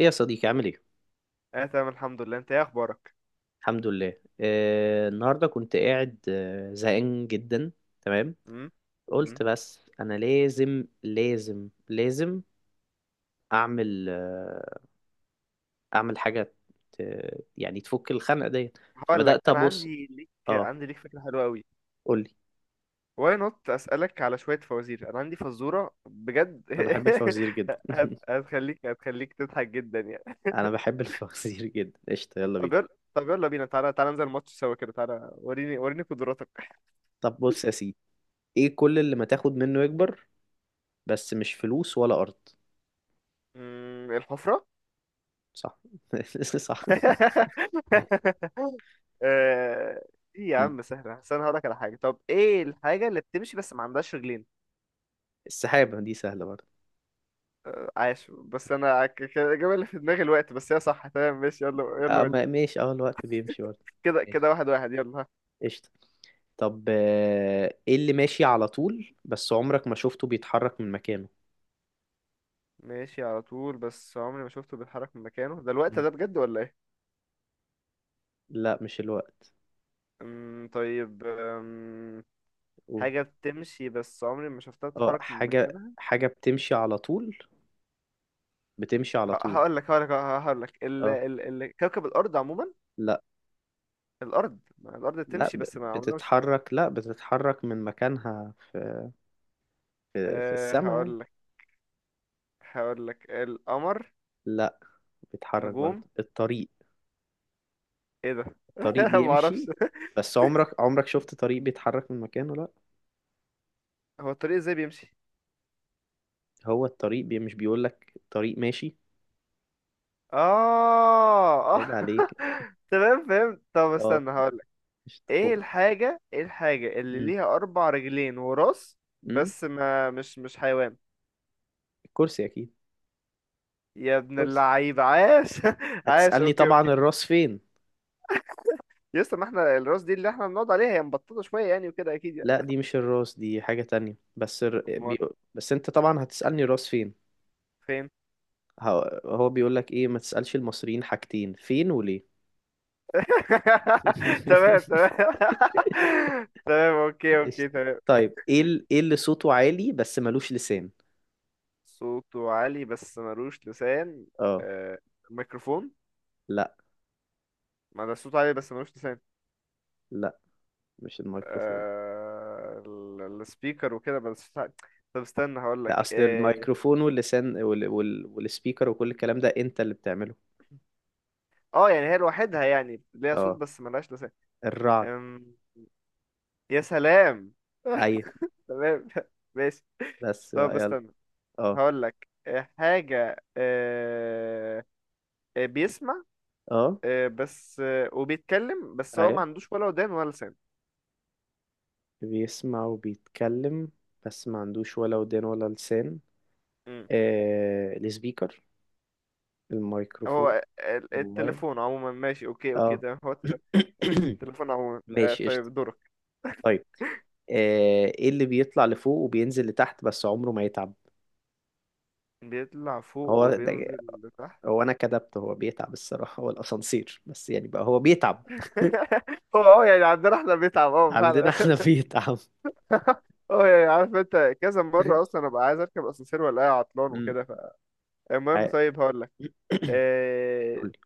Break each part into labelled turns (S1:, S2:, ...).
S1: ايه يا صديقي عامل ايه؟
S2: اه تمام، الحمد لله. انت ايه اخبارك؟
S1: الحمد لله. النهارده كنت قاعد زهقان جدا. تمام.
S2: امم امم
S1: قلت بس انا لازم لازم اعمل اعمل حاجه ت... يعني تفك الخنقه ديت.
S2: هقول لك،
S1: فبدات
S2: انا
S1: ابص.
S2: عندي ليك
S1: اه
S2: عندي ليك فكره حلوه قوي.
S1: قولي.
S2: واي نوت، اسالك على شويه فوازير؟ انا عندي فزوره بجد.
S1: انا بحب الفوازير جدا
S2: هت... هتخليك هتخليك تضحك جدا يعني.
S1: انا بحب الفوازير جدا، قشطه يلا
S2: طب
S1: بينا.
S2: يلا. طب يلا بينا، تعالى ننزل الماتش سوا كده. تعالى وريني قدراتك.
S1: طب بص يا سيدي، ايه كل اللي ما تاخد منه يكبر، بس مش فلوس ولا ارض؟
S2: الحفره.
S1: صح. صح. إيه؟
S2: آه، ايه يا عم سهله؟ بس انا هقول لك على حاجه. طب ايه الحاجه اللي بتمشي بس ما عندهاش رجلين؟
S1: السحابه دي سهله برضه.
S2: عاش، بس انا الاجابه اللي في دماغي الوقت، بس هي صح تمام. ماشي، يلا يلا ودي.
S1: ماشي، اه الوقت بيمشي برضه.
S2: كده كده،
S1: ماشي
S2: واحد واحد، يلا ها.
S1: قشطة. طب ايه اللي ماشي على طول بس عمرك ما شفته بيتحرك من مكانه؟
S2: ماشي على طول بس عمري ما شفته بيتحرك من مكانه، ده الوقت
S1: م.
S2: ده بجد ولا ايه؟
S1: لا مش الوقت.
S2: طيب
S1: قول.
S2: حاجه بتمشي بس عمري ما شفتها
S1: اه
S2: تتحرك من
S1: حاجة
S2: مكانها.
S1: حاجة بتمشي على طول، بتمشي على طول.
S2: هقول لك ال
S1: اه
S2: ال ال كوكب الارض عموما.
S1: لا،
S2: الارض، ما الارض بتمشي، بس ما عمرنا مش...
S1: بتتحرك، لا بتتحرك من مكانها في في السماء يعني.
S2: هقول لك هقول لك القمر.
S1: لا بتتحرك برضه
S2: نجوم.
S1: الطريق،
S2: ايه ده؟
S1: الطريق
S2: ما
S1: بيمشي
S2: اعرفش.
S1: بس عمرك، عمرك شفت طريق بيتحرك من مكانه؟ لا.
S2: هو الطريق ازاي بيمشي؟
S1: هو الطريق بي مش بيقولك طريق ماشي؟
S2: اه اه.
S1: عيب عليك.
S2: تمام، فهمت. طب
S1: اه،
S2: استنى هقولك.
S1: مش
S2: ايه
S1: تقول.
S2: الحاجة ايه الحاجة اللي
S1: مم.
S2: ليها اربع رجلين وراس،
S1: مم.
S2: بس ما مش حيوان؟
S1: الكرسي اكيد.
S2: يا ابن
S1: كرسي.
S2: اللعيب، عاش. عاش،
S1: هتسألني
S2: اوكي
S1: طبعا
S2: اوكي.
S1: الراس فين.
S2: يسطا، ما احنا الراس دي اللي احنا بنقعد عليها، هي مبططة شوية يعني وكده اكيد يعني.
S1: لا دي مش الراس، دي حاجة تانية بس
S2: امال
S1: بس انت طبعا هتسألني الراس فين.
S2: فين؟
S1: هو بيقول لك ايه، ما تسألش المصريين حاجتين فين وليه.
S2: تمام تمام. تمام، اوكي اوكي
S1: قشطة.
S2: تمام.
S1: طيب ايه اللي صوته عالي بس ملوش لسان؟
S2: صوته عالي بس ملوش لسان.
S1: اه.
S2: آه، ميكروفون.
S1: لا.
S2: ما ده صوته عالي بس ملوش لسان.
S1: لا مش الميكروفون.
S2: آه، السبيكر وكده بس. طب استنى هقول
S1: لا،
S2: لك
S1: اصل
S2: اه.
S1: الميكروفون واللسان والسبيكر وكل الكلام ده انت اللي بتعمله.
S2: آه، يعني هي لوحدها، يعني ليها صوت
S1: اه
S2: بس ملهاش لسان.
S1: الرعد.
S2: أم، يا سلام.
S1: ايوه.
S2: تمام، ماشي.
S1: بس
S2: طب
S1: بقى يلا.
S2: استنى
S1: اه.
S2: هقول لك. حاجة بيسمع،
S1: اه
S2: بس وبيتكلم، بس هو
S1: ايوه،
S2: ما عندوش ولا ودان ولا لسان.
S1: بيسمع وبيتكلم بس ما عندوش ولا ودان ولا لسان.
S2: مم.
S1: آه السبيكر، الميكروفون،
S2: هو
S1: الموبايل.
S2: التليفون عموما. ماشي، اوكي اوكي
S1: اه.
S2: تمام. هو التليفون عموما.
S1: ماشي قشطة.
S2: طيب دورك.
S1: طيب آه، ايه اللي بيطلع لفوق وبينزل لتحت بس عمره ما يتعب؟
S2: بيطلع فوق
S1: هو ده.
S2: وبينزل لتحت.
S1: هو انا كدبت، هو بيتعب الصراحة، هو الاسانسير بس يعني بقى هو بيتعب
S2: هو اه يعني عندنا احنا بيتعب، اه
S1: عندنا
S2: فعلا.
S1: احنا بيتعب.
S2: اه يعني عارف انت كذا مره اصلا ابقى عايز اركب اسانسير ولا عطلان
S1: امم
S2: وكده. فالمهم
S1: عا-
S2: طيب هقول لك أه
S1: قولي.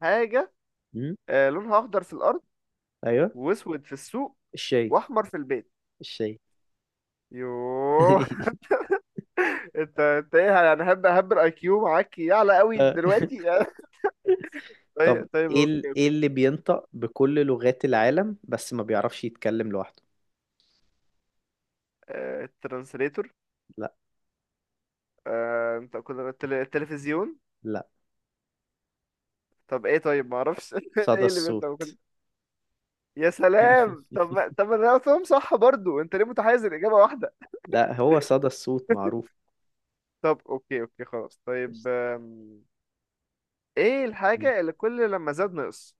S2: حاجه.
S1: امم
S2: لونها اخضر في الارض،
S1: ايوه.
S2: واسود في السوق،
S1: الشاي.
S2: واحمر في البيت.
S1: الشاي.
S2: يوه. انت ايه يعني؟ هب هب الاي كيو معاك يعلى قوي دلوقتي.
S1: طب
S2: طيب طيب اوكي
S1: ايه
S2: اوكي.
S1: اللي بينطق بكل لغات العالم بس ما بيعرفش يتكلم لوحده؟
S2: الترانسليتور.
S1: لا.
S2: انت كنت التلفزيون.
S1: لا.
S2: طب ايه؟ طيب ما اعرفش.
S1: صدى
S2: ايه اللي انت؟
S1: الصوت.
S2: يا سلام. طب ما- طب ما انا قلتهم صح برضو، انت ليه متحيز الاجابه واحده؟
S1: لا هو صدى الصوت معروف.
S2: طب اوكي اوكي خلاص. طيب ايه الحاجه اللي كل لما زاد نقص؟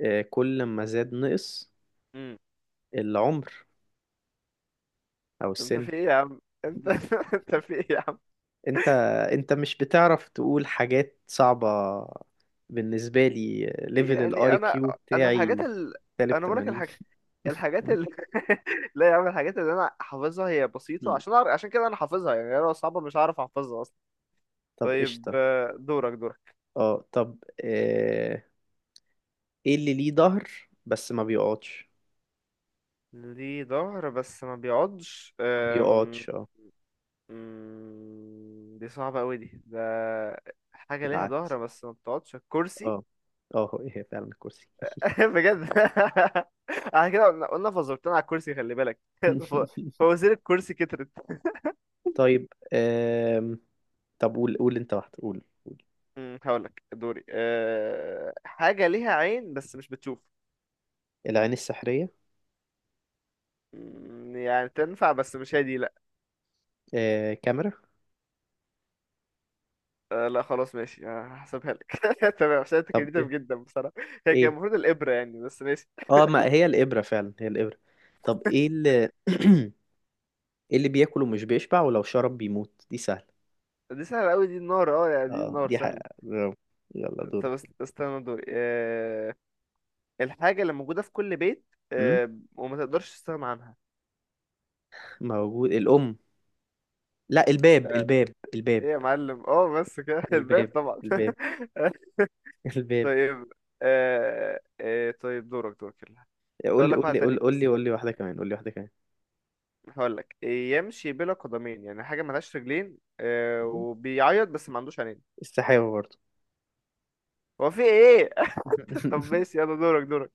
S1: آه، كل ما زاد نقص،
S2: امم
S1: العمر او
S2: انت
S1: السن.
S2: في ايه يا عم انت؟ انت في ايه يا عم؟
S1: انت، انت مش بتعرف تقول حاجات صعبة بالنسبة لي، ليفل
S2: يعني
S1: الاي
S2: انا،
S1: كيو
S2: الحاجات
S1: بتاعي سالب
S2: انا بقولك
S1: 80.
S2: الحاجات، الحاجات ال... لا يا عم، الحاجات اللي انا حافظها هي بسيطه، عشان أعرف... عشان كده انا حافظها يعني. أنا لو صعبه مش هعرف احفظها اصلا.
S1: طب
S2: طيب
S1: قشطة.
S2: دورك دورك.
S1: اه طب آه، ايه اللي ليه ظهر بس ما بيقعدش؟
S2: ليه ظهر بس ما بيقعدش.
S1: ما بيقعدش اه.
S2: دي صعبة أوي دي ده. حاجة ليها
S1: بالعكس.
S2: ظهر بس ما بتقعدش، الكرسي.
S1: اه. اه إيه، هي فعلا الكرسي.
S2: بجد. احنا كده، قلنا فزرتنا على الكرسي، خلي بالك. ف- فوازير الكرسي كترت.
S1: طيب آم... طب قول، قول انت واحدة قول.
S2: هقولك دوري. حاجة ليها عين بس مش بتشوف.
S1: العين السحرية.
S2: يعني تنفع بس مش هي دي لأ.
S1: آه، كاميرا.
S2: أه لأ خلاص ماشي. هحسبها لك. تمام، عشان انت
S1: طب
S2: كريتيف
S1: ايه؟
S2: جدا بصراحة. هي كان
S1: ايه؟
S2: المفروض الإبرة يعني، بس ماشي.
S1: اه ما هي الإبرة، فعلا هي الإبرة. طب ايه اللي ايه اللي بياكل ومش بيشبع ولو شرب بيموت؟ دي سهلة.
S2: دي سهلة أوي، دي النار. اه يعني دي
S1: اه
S2: النار
S1: دي
S2: سهلة.
S1: حقيقة برافو. يلا دور.
S2: طب استنى دوري. الحاجة اللي موجودة في كل بيت
S1: م؟
S2: وما تقدرش تستغنى عنها.
S1: موجود، الأم. لا، الباب
S2: آه،
S1: الباب الباب.
S2: ايه يا معلم، اه بس كده. الباب
S1: الباب.
S2: طبعا.
S1: الباب. الباب.
S2: طيب طيب دورك دورك يلا.
S1: قول
S2: هقول
S1: لي
S2: لك
S1: قول
S2: واحد
S1: لي
S2: تاني
S1: قول قول لي
S2: بس.
S1: قول لي واحدة كمان، قول لي واحدة كمان.
S2: هقول لك، يمشي بلا قدمين، يعني حاجة ملهاش رجلين وبيعيط بس ما عندوش عينين.
S1: السحابة برضو.
S2: هو في ايه؟ طب ماشي، يلا دورك دورك.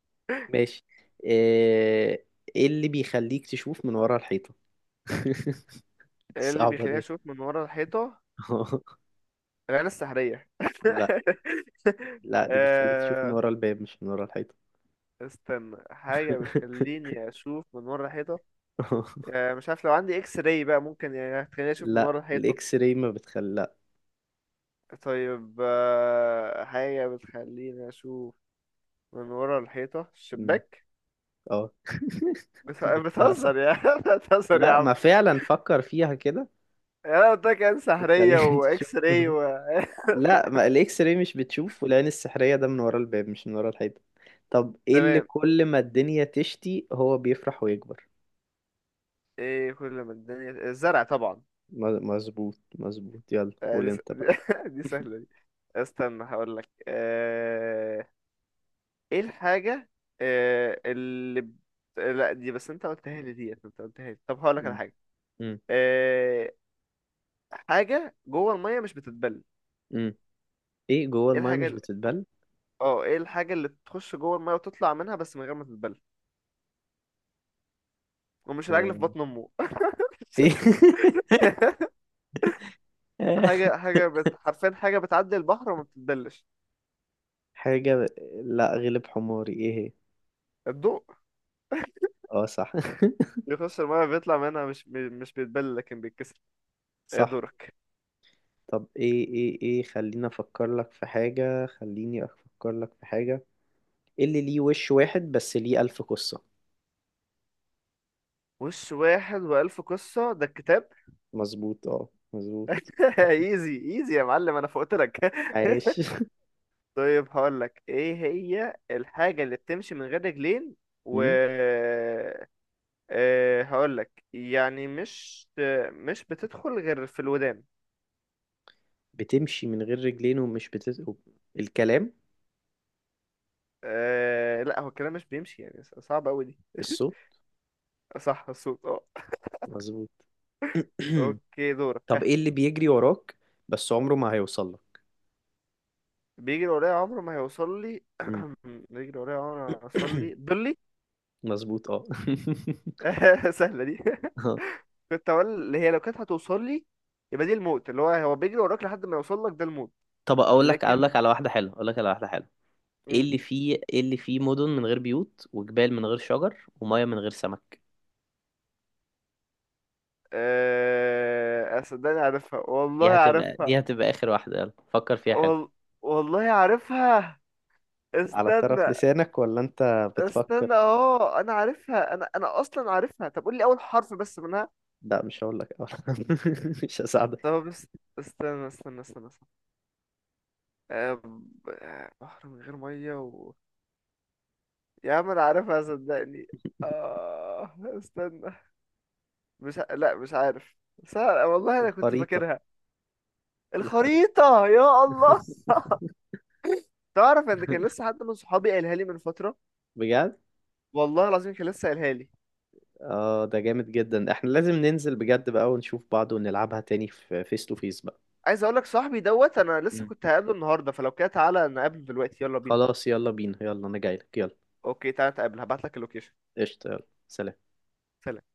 S1: ماشي. آه، ايه اللي بيخليك تشوف من ورا الحيطة؟ دي
S2: إيه اللي
S1: صعبة
S2: بيخليني
S1: دي.
S2: اشوف من ورا الحيطة؟ العين السحرية.
S1: لا. لا دي بتخليك تشوف من
S2: آه،
S1: ورا الباب مش من ورا الحيطة.
S2: استنى، حاجة بتخليني اشوف من ورا الحيطة. مش عارف، لو عندي اكس راي بقى ممكن يعني هتخليني اشوف من
S1: لا
S2: ورا الحيطة.
S1: الاكس راي ما بتخلي، لا.
S2: طيب حاجة بتخليني اشوف من ورا الحيطة،
S1: مم.
S2: الشباك.
S1: اه جبتها صح.
S2: بتهزر يا عم، بتهزر يا
S1: لا ما
S2: عم.
S1: فعلا فكر فيها كده،
S2: يعني انا قلت لك عين سحرية
S1: بتخليك
S2: واكس
S1: تشوف.
S2: راي و...
S1: لا ما الاكس راي مش بتشوف، والعين السحرية ده من ورا الباب مش من ورا الحيطة. طب ايه اللي
S2: تمام.
S1: كل ما الدنيا تشتي هو بيفرح ويكبر؟
S2: ايه كل ما الدنيا... الزرع طبعا.
S1: مظبوط مظبوط، يلا
S2: آه،
S1: قول
S2: دي, س...
S1: انت بقى.
S2: دي سهلة دي. استنى هقول لك. ايه الحاجة آه، اللي ب- لا، دي بس انت قلتها لي، ديت انت قلتها لي. طب هقول لك على
S1: مم.
S2: حاجة.
S1: مم.
S2: آه، حاجة جوه المية مش بتتبل.
S1: مم. ايه جوه
S2: ايه
S1: المايه
S2: الحاجة
S1: مش بتتبل؟
S2: اه ايه الحاجة اللي تخش جوه المية وتطلع منها بس من غير ما تتبل؟ ومش العجل في
S1: آه،
S2: بطن امه.
S1: ايه
S2: حاجة حاجة حرفيا حاجة بتعدي البحر وما بتتبلش.
S1: حاجة لا غلب حماري، ايه هي؟
S2: الضوء.
S1: اه صح.
S2: بيخش المية بيطلع منها، مش بيتبل لكن بيتكسر. ايه
S1: صح.
S2: دورك؟
S1: طب ايه خليني افكر لك في حاجة، خليني افكر لك في حاجة. إيه اللي ليه وش واحد بس ليه ألف قصة؟
S2: وش واحد وألف قصة، ده الكتاب.
S1: مظبوط اه مظبوط.
S2: ايزي ايزي يا معلم، انا فوقت لك.
S1: عايش.
S2: طيب هقول لك، ايه هي الحاجة اللي بتمشي من غير رجلين و...
S1: مم.
S2: هقولك يعني، مش بتدخل غير في الودان.
S1: بتمشي من غير رجلين ومش الكلام.
S2: أه لا، هو الكلام مش بيمشي يعني، صعب أوي دي.
S1: الصوت.
S2: صح، الصوت اه.
S1: مظبوط.
S2: اوكي دورك
S1: طب
S2: ها.
S1: ايه اللي بيجري وراك بس عمره ما هيوصل لك؟
S2: بيجري ورايا عمره ما هيوصل لي.
S1: مم.
S2: بيجري ورايا عمره ما هيوصل لي، ضلي.
S1: مظبوط اه.
S2: سهلة دي.
S1: آه.
S2: كنت هقول اللي هي لو كانت هتوصل لي يبقى دي الموت، اللي هو بيجري وراك لحد ما يوصل لك، ده الموت.
S1: طب اقول لك اقول لك
S2: لكن.
S1: على واحده حلوه اقول لك على واحده حلوه،
S2: مم.
S1: ايه اللي فيه مدن من غير بيوت وجبال من غير شجر وميه من غير سمك؟
S2: آه، صدقني عارفها والله
S1: دي
S2: عارفها.
S1: هتبقى اخر واحده، يلا فكر فيها حلو.
S2: وال... والله عارفها.
S1: على طرف
S2: استنى.
S1: لسانك ولا انت بتفكر؟
S2: استنى، اه انا عارفها، انا اصلا عارفها. طب قول لي اول حرف بس منها.
S1: لا مش هقول لك، مش هساعدك.
S2: طب بس. استنى، استنى، استنى، استنى. بحر من غير ميه و... يا عم انا عارفها صدقني. آه. استنى. مش ع- لا مش عارف. سهل والله انا كنت
S1: الخريطة.
S2: فاكرها.
S1: الخريطة.
S2: الخريطة، يا الله. تعرف ان كان لسه حد من صحابي قالها لي من فترة.
S1: بجد؟
S2: والله العظيم كان لسه قالها لي.
S1: اه ده جامد جدا، احنا لازم ننزل بجد بقى ونشوف بعض ونلعبها تاني في فيس تو فيس بقى.
S2: عايز اقول لك، صاحبي دوت انا لسه
S1: مم.
S2: كنت هقابله النهارده، فلو كده تعالى نقابله دلوقتي، يلا بينا.
S1: خلاص يلا بينا، يلا انا جايلك يلا.
S2: اوكي، تعالى نتقابل، هبعت لك اللوكيشن.
S1: قشطة يلا. سلام.
S2: سلام.